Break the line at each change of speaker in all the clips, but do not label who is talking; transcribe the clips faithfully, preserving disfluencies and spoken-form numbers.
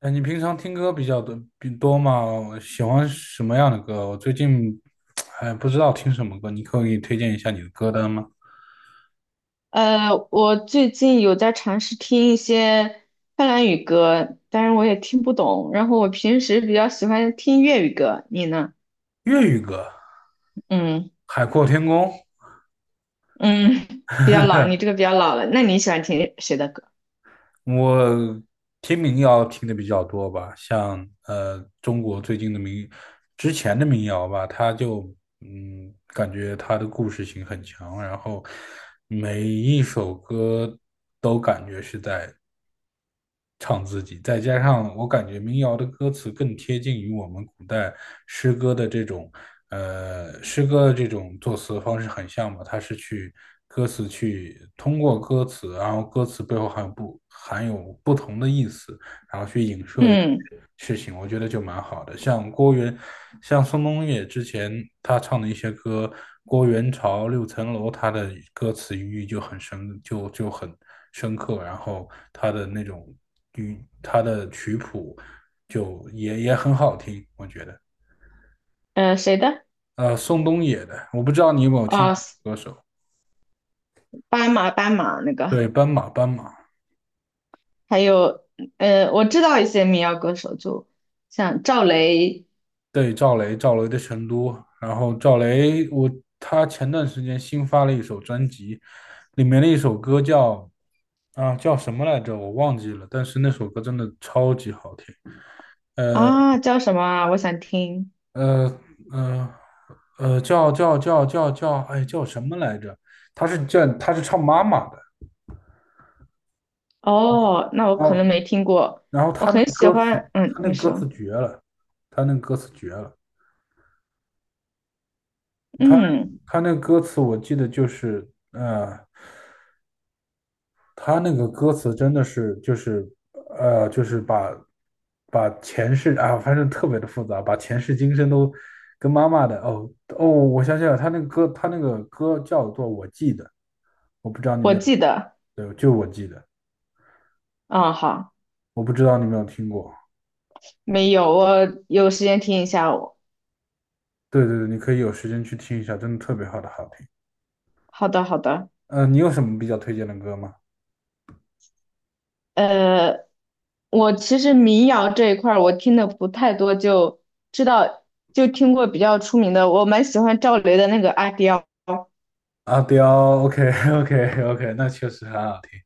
哎，你平常听歌比较多比多吗？喜欢什么样的歌？我最近哎不知道听什么歌，你可以给你推荐一下你的歌单吗？
呃，我最近有在尝试听一些芬兰语歌，但是我也听不懂。然后我平时比较喜欢听粤语歌，你呢？
粤语歌，
嗯
《海阔天空》
嗯，比较老，你这个比较老了。那你喜欢听谁的歌？
我听民谣听的比较多吧，像呃中国最近的民，之前的民谣吧，它就嗯感觉它的故事性很强，然后每一首歌都感觉是在唱自己，再加上我感觉民谣的歌词更贴近于我们古代诗歌的这种，呃，诗歌的这种作词方式很像嘛，它是去歌词去通过歌词，然后歌词背后含有不含有不同的意思，
嗯
事情，我觉得就蛮好的。像郭源，像宋冬野之前他唱的一些歌，《郭源潮》《六层楼》，他的歌词寓意就很深，就就很深刻。然后他的那种语，他的曲谱就也也很好听，我觉得。
呃，谁的？
呃，宋冬野的，我不知道你有没有听
哦，
过歌手，
斑马斑马那个，
对，斑马，斑马，
还有呃，我知道一些民谣歌手，就像赵雷
对，赵雷，赵雷的《成都》，然后赵雷，我他前段时间新发了一首专辑，里面的一首歌叫。啊，叫什么来着？我忘记了，但是那首歌真的超级好听。呃
啊，叫什么啊？我想听。
呃呃呃，叫叫叫叫叫，哎，叫什么来着？他是叫他是唱妈妈的，
哦，那我
然
可能
后
没听过。
然后
我
他那
很
个
喜
歌词，
欢，嗯，
他那个
你
歌词
说，
绝了，他那个歌词绝了，他
嗯。
他那个歌词我记得就是，呃。他那个歌词真的是就是呃，就是把把前世啊，反正特别的复杂，把前世今生都跟妈妈的哦哦，我想起来了，他那个歌，他那个歌叫做《我记得》，我不知道你有
我
没有，
记得，
对，就我记得，
嗯，好，
我不知道你有没有听过。
没有，我有时间听一下我。
对对对，你可以有时间去听一下，真的特别好的好听。
好的，好的，
嗯、你有什么比较推荐的歌吗？
呃，我其实民谣这一块儿我听的不太多，就知道就听过比较出名的，我蛮喜欢赵雷的那个《阿刁》，
阿刁，OK OK OK，那确实很好听。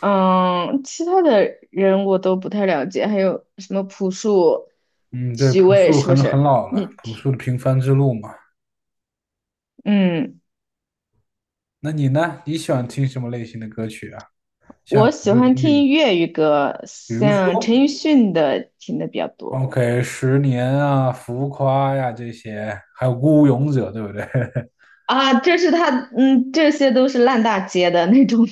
嗯，其他的人我都不太了解，还有什么朴树、
嗯，对，
许
朴
巍
树
是不
很很
是？
老
你
了，朴
听
树的《平凡之路》嘛。
嗯，
那你呢？你喜欢听什么类型的歌曲啊？像
我
比
喜
如说
欢
粤语，
听粤语歌，
比如
像陈
说
奕迅的听的比较多。
OK，十年啊、浮夸呀、这些，还有孤勇者，对不对？
啊，这是他，嗯，这些都是烂大街的那种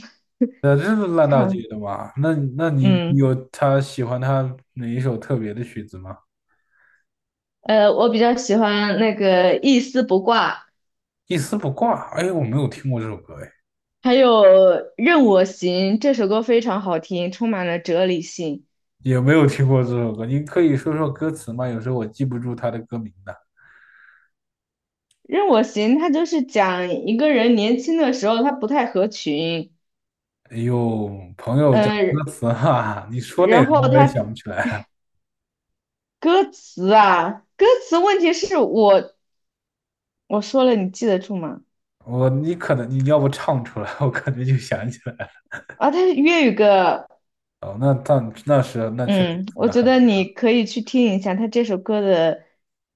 呃，这是烂大街
唱
的嘛？那那 你
嗯，
有他喜欢他哪一首特别的曲子吗？
呃，我比较喜欢那个一丝不挂，
一丝不挂，哎，我没有听过这首歌，哎，
还有任我行这首歌非常好听，充满了哲理性。
也没有听过这首歌。你可以说说歌词吗？有时候我记不住他的歌名的。
任我行，他就是讲一个人年轻的时候他不太合群，
哎呦，朋友讲
嗯、
歌词哈，你说内
然
容
后
我也
他
想不起来。
歌词啊，歌词问题是我我说了你记得住吗？
我你可能你要不唱出来，我可能就想起来了。
啊，他是粤语歌，
哦，那但那是那确实
嗯，我
那
觉
很难。
得你可以去听一下，他这首歌的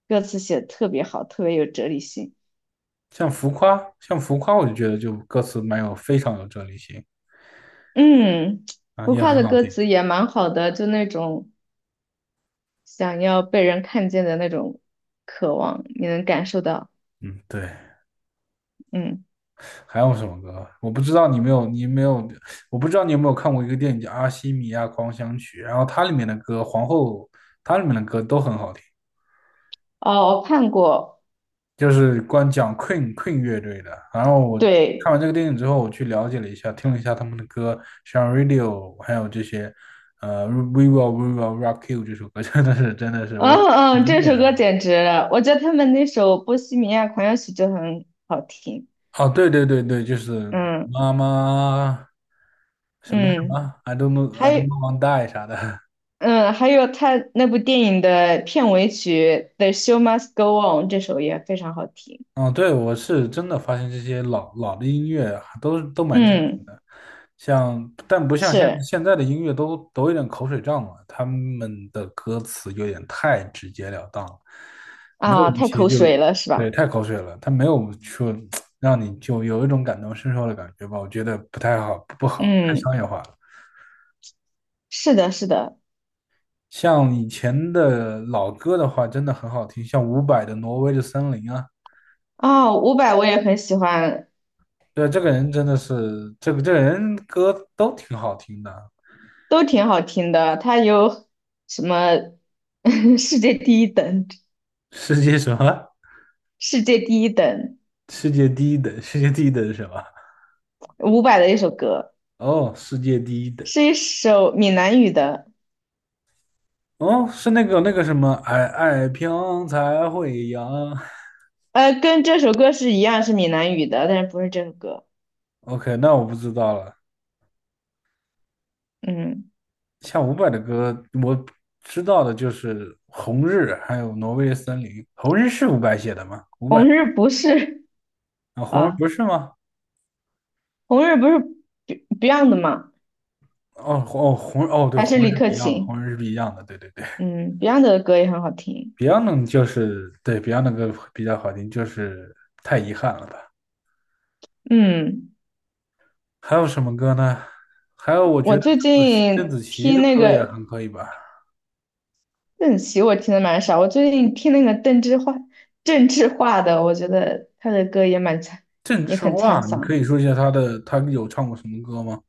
歌词写的特别好，特别有哲理性。
像浮夸，像浮夸，我就觉得就歌词蛮有非常有哲理性
嗯，
啊，
浮
也
夸
很
的
好
歌
听。
词也蛮好的，就那种想要被人看见的那种渴望，你能感受到。
嗯，对。
嗯，
还有什么歌？我不知道你没有你没有，我不知道你有没有看过一个电影叫《阿西米亚狂想曲》，然后它里面的歌，皇后它里面的歌都很好听。
哦，我看过，
就是光讲 Queen Queen 乐队的。然后我看
对，
完这个电影之后，我去了解了一下，听了一下他们的歌，像 Radio，还有这些，呃，We Will We Will Rock You 这首歌，真的是真的是我
嗯
很
嗯，
经
这
典
首
的。
歌简直了，我觉得他们那首《波西米亚狂想曲》就很好听。
哦，对对对对，就是
嗯
妈妈什么什
嗯，
么，I don't know
还
I don't
有
know w a n die 啥的。
嗯，还有他那部电影的片尾曲《The Show Must Go On》这首也非常好听。
嗯，对，我是真的发现这些老老的音乐还都都蛮经典
嗯，
的，像但不像现
是
现在的音乐都都有点口水仗了，他们的歌词有点太直截了当了，没有
啊，
一
太
些
口
就
水了是吧？
对太口水了，他没有说让你就有一种感同身受的感觉吧，我觉得不太好，不好，太商
嗯，
业化了。
是的，是的。
像以前的老歌的话，真的很好听，像伍佰的《挪威的森林》啊。
啊，伍佰我也很喜欢，
对，这个人真的是，这个这个人歌都挺好听的。
都挺好听的。他有什么 世界第一等，
世界什么？
世界第一等，
世界第一等，世界第一等是什么？
伍佰的一首歌，
哦，世界第一等，
是一首闽南语的，
哦，是那个那个什么，爱爱飘才会扬。
呃，跟这首歌是一样是闽南语的，但是不是这首歌。
OK，那我不知道了。
嗯，
像伍佰的歌，我知道的就是《红日》，还有《挪威的森林》。《红日》是伍佰写的吗？伍佰
红日不是
啊，《红日》
啊。
不是吗？
红日不是 Be- Beyond 吗？
哦红哦，《红》日》哦，对，
还
《红
是
日》
李
是不
克
一样的，
勤？
《红日》是不一样的，对对对。
嗯，Beyond 的歌也很好听。
Beyond 就是对 Beyond 的歌比较好听，就是太遗憾了吧。
嗯，
还有什么歌呢？还有，我觉
我
得
最
邓紫棋邓
近
紫棋
听
的
那
歌也
个
很可以吧。
邓紫棋，我听的蛮少。我最近听那个邓智化，郑智化的，我觉得他的歌也蛮沧，
郑
也
智
很沧
化，你可
桑。
以说一下她的，她有唱过什么歌吗？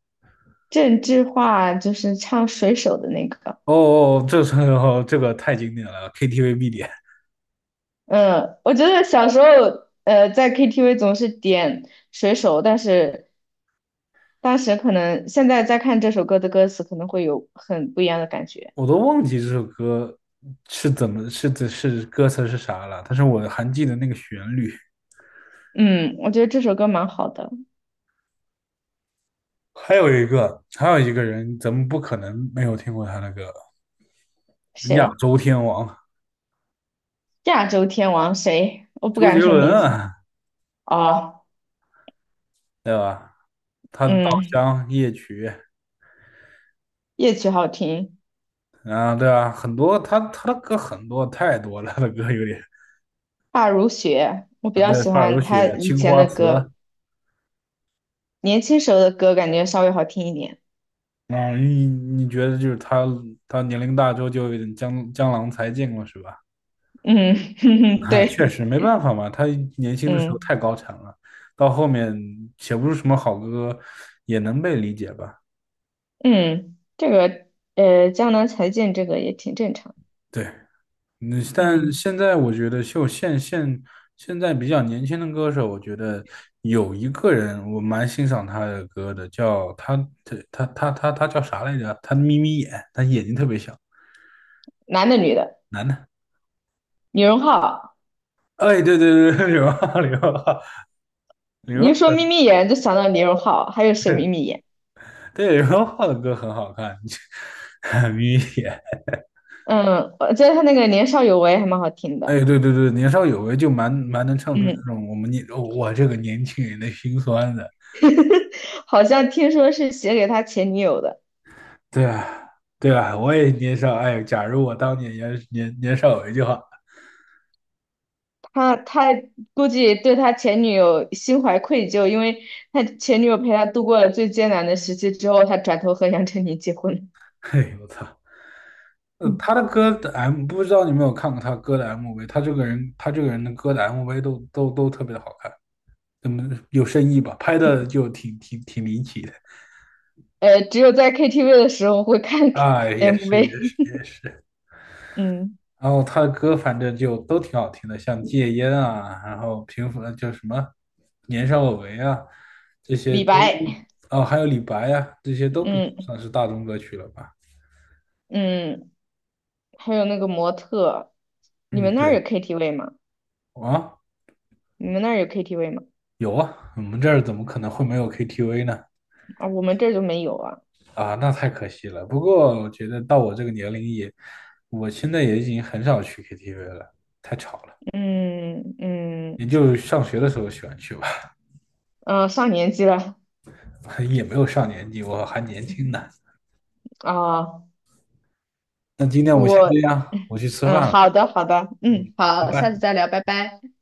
郑智化就是唱《水手》的那个。
哦哦，这首 这个太经典了，K T V 必点，
嗯，我觉得小时候，呃，在 K T V 总是点水手，但是当时可能现在再看这首歌的歌词，可能会有很不一样的感觉。
我都忘记这首歌是怎么是是是歌词是啥了，但是我还记得那个旋律。
嗯，我觉得这首歌蛮好的。
还有一个，还有一个人，咱们不可能没有听过他的歌，亚
谁？
洲天王
亚洲天王谁？我不
周杰
敢说
伦
名字。
啊。
哦，
对吧？他的《稻
嗯，
香》《夜曲》，
夜曲好听，
啊，对啊，很多他他的歌很多太多了，他的歌有点
发如雪，我比
啊
较
对，
喜
《发如
欢
雪》
他以
《青
前
花
的
瓷》
歌，年轻时候的歌感觉稍微好听一点。
啊，你你觉得就是他他年龄大之后就有点江江郎才尽了，是吧？
嗯，
啊，确
对，
实没办法嘛，他年轻的时候
嗯。
太高产了，到后面写不出什么好歌，也能被理解吧？
嗯，这个呃，江南才尽这个也挺正常。
对。嗯，但
嗯，
现在我觉得就现现现在比较年轻的歌手，我觉得有一个人我蛮欣赏他的歌的，叫他他他他他他叫啥来着？他眯眯眼，他眼睛特别小，
男的女的，
男的。
李荣浩，
哎，对对对，对，刘浩刘浩
你
刘
一说
浩，
眯眯眼就想到李荣浩，还有谁眯
对
眯眼？
对刘浩的歌很好看，眯眯眼。
嗯，我觉得他那个年少有为还蛮好听的。
哎，对对对，年少有为就蛮蛮能唱出这
嗯，
种我们年我这个年轻人的心酸的。
好像听说是写给他前女友的，
对啊，对啊，我也年少。哎，假如我当年年年年少有为就好。
他他估计对他前女友心怀愧疚，因为他前女友陪他度过了最艰难的时期之后，他转头和杨丞琳结婚了
嘿，我操！呃，
嗯，
他的歌的 M 不知道你有没有看过他歌的 M V，他这个人他这个人的歌的 M V 都都都特别的好看，嗯，有深意吧，拍的就挺挺挺离奇的。
呃，只有在 K T V 的时候会看
啊，也是也
M V。
是也 是。
嗯。
然后他的歌反正就都挺好听的，像戒烟啊，然后平复就什么年少有为啊，这些
李
都
白，
哦，还有李白啊，这些都比较
嗯
算是大众歌曲了吧。
嗯，还有那个模特，你
嗯，
们那儿
对
有 K T V 吗？
啊，
你们那儿有 K T V 吗？
有啊，我们这儿怎么可能会没有 K T V 呢？
啊，我们这儿就没有啊。
啊，那太可惜了。不过我觉得到我这个年龄也，我现在也已经很少去 K T V 了，太吵了。
嗯
也
嗯
就上学的时候喜欢去吧，
呃，上年纪了
也没有上年纪，我还年轻呢。
啊，
那今天我们先
我
这样，我去吃
嗯，
饭了，
好的好的，嗯，
拜
好，下次
拜。
再聊，拜拜。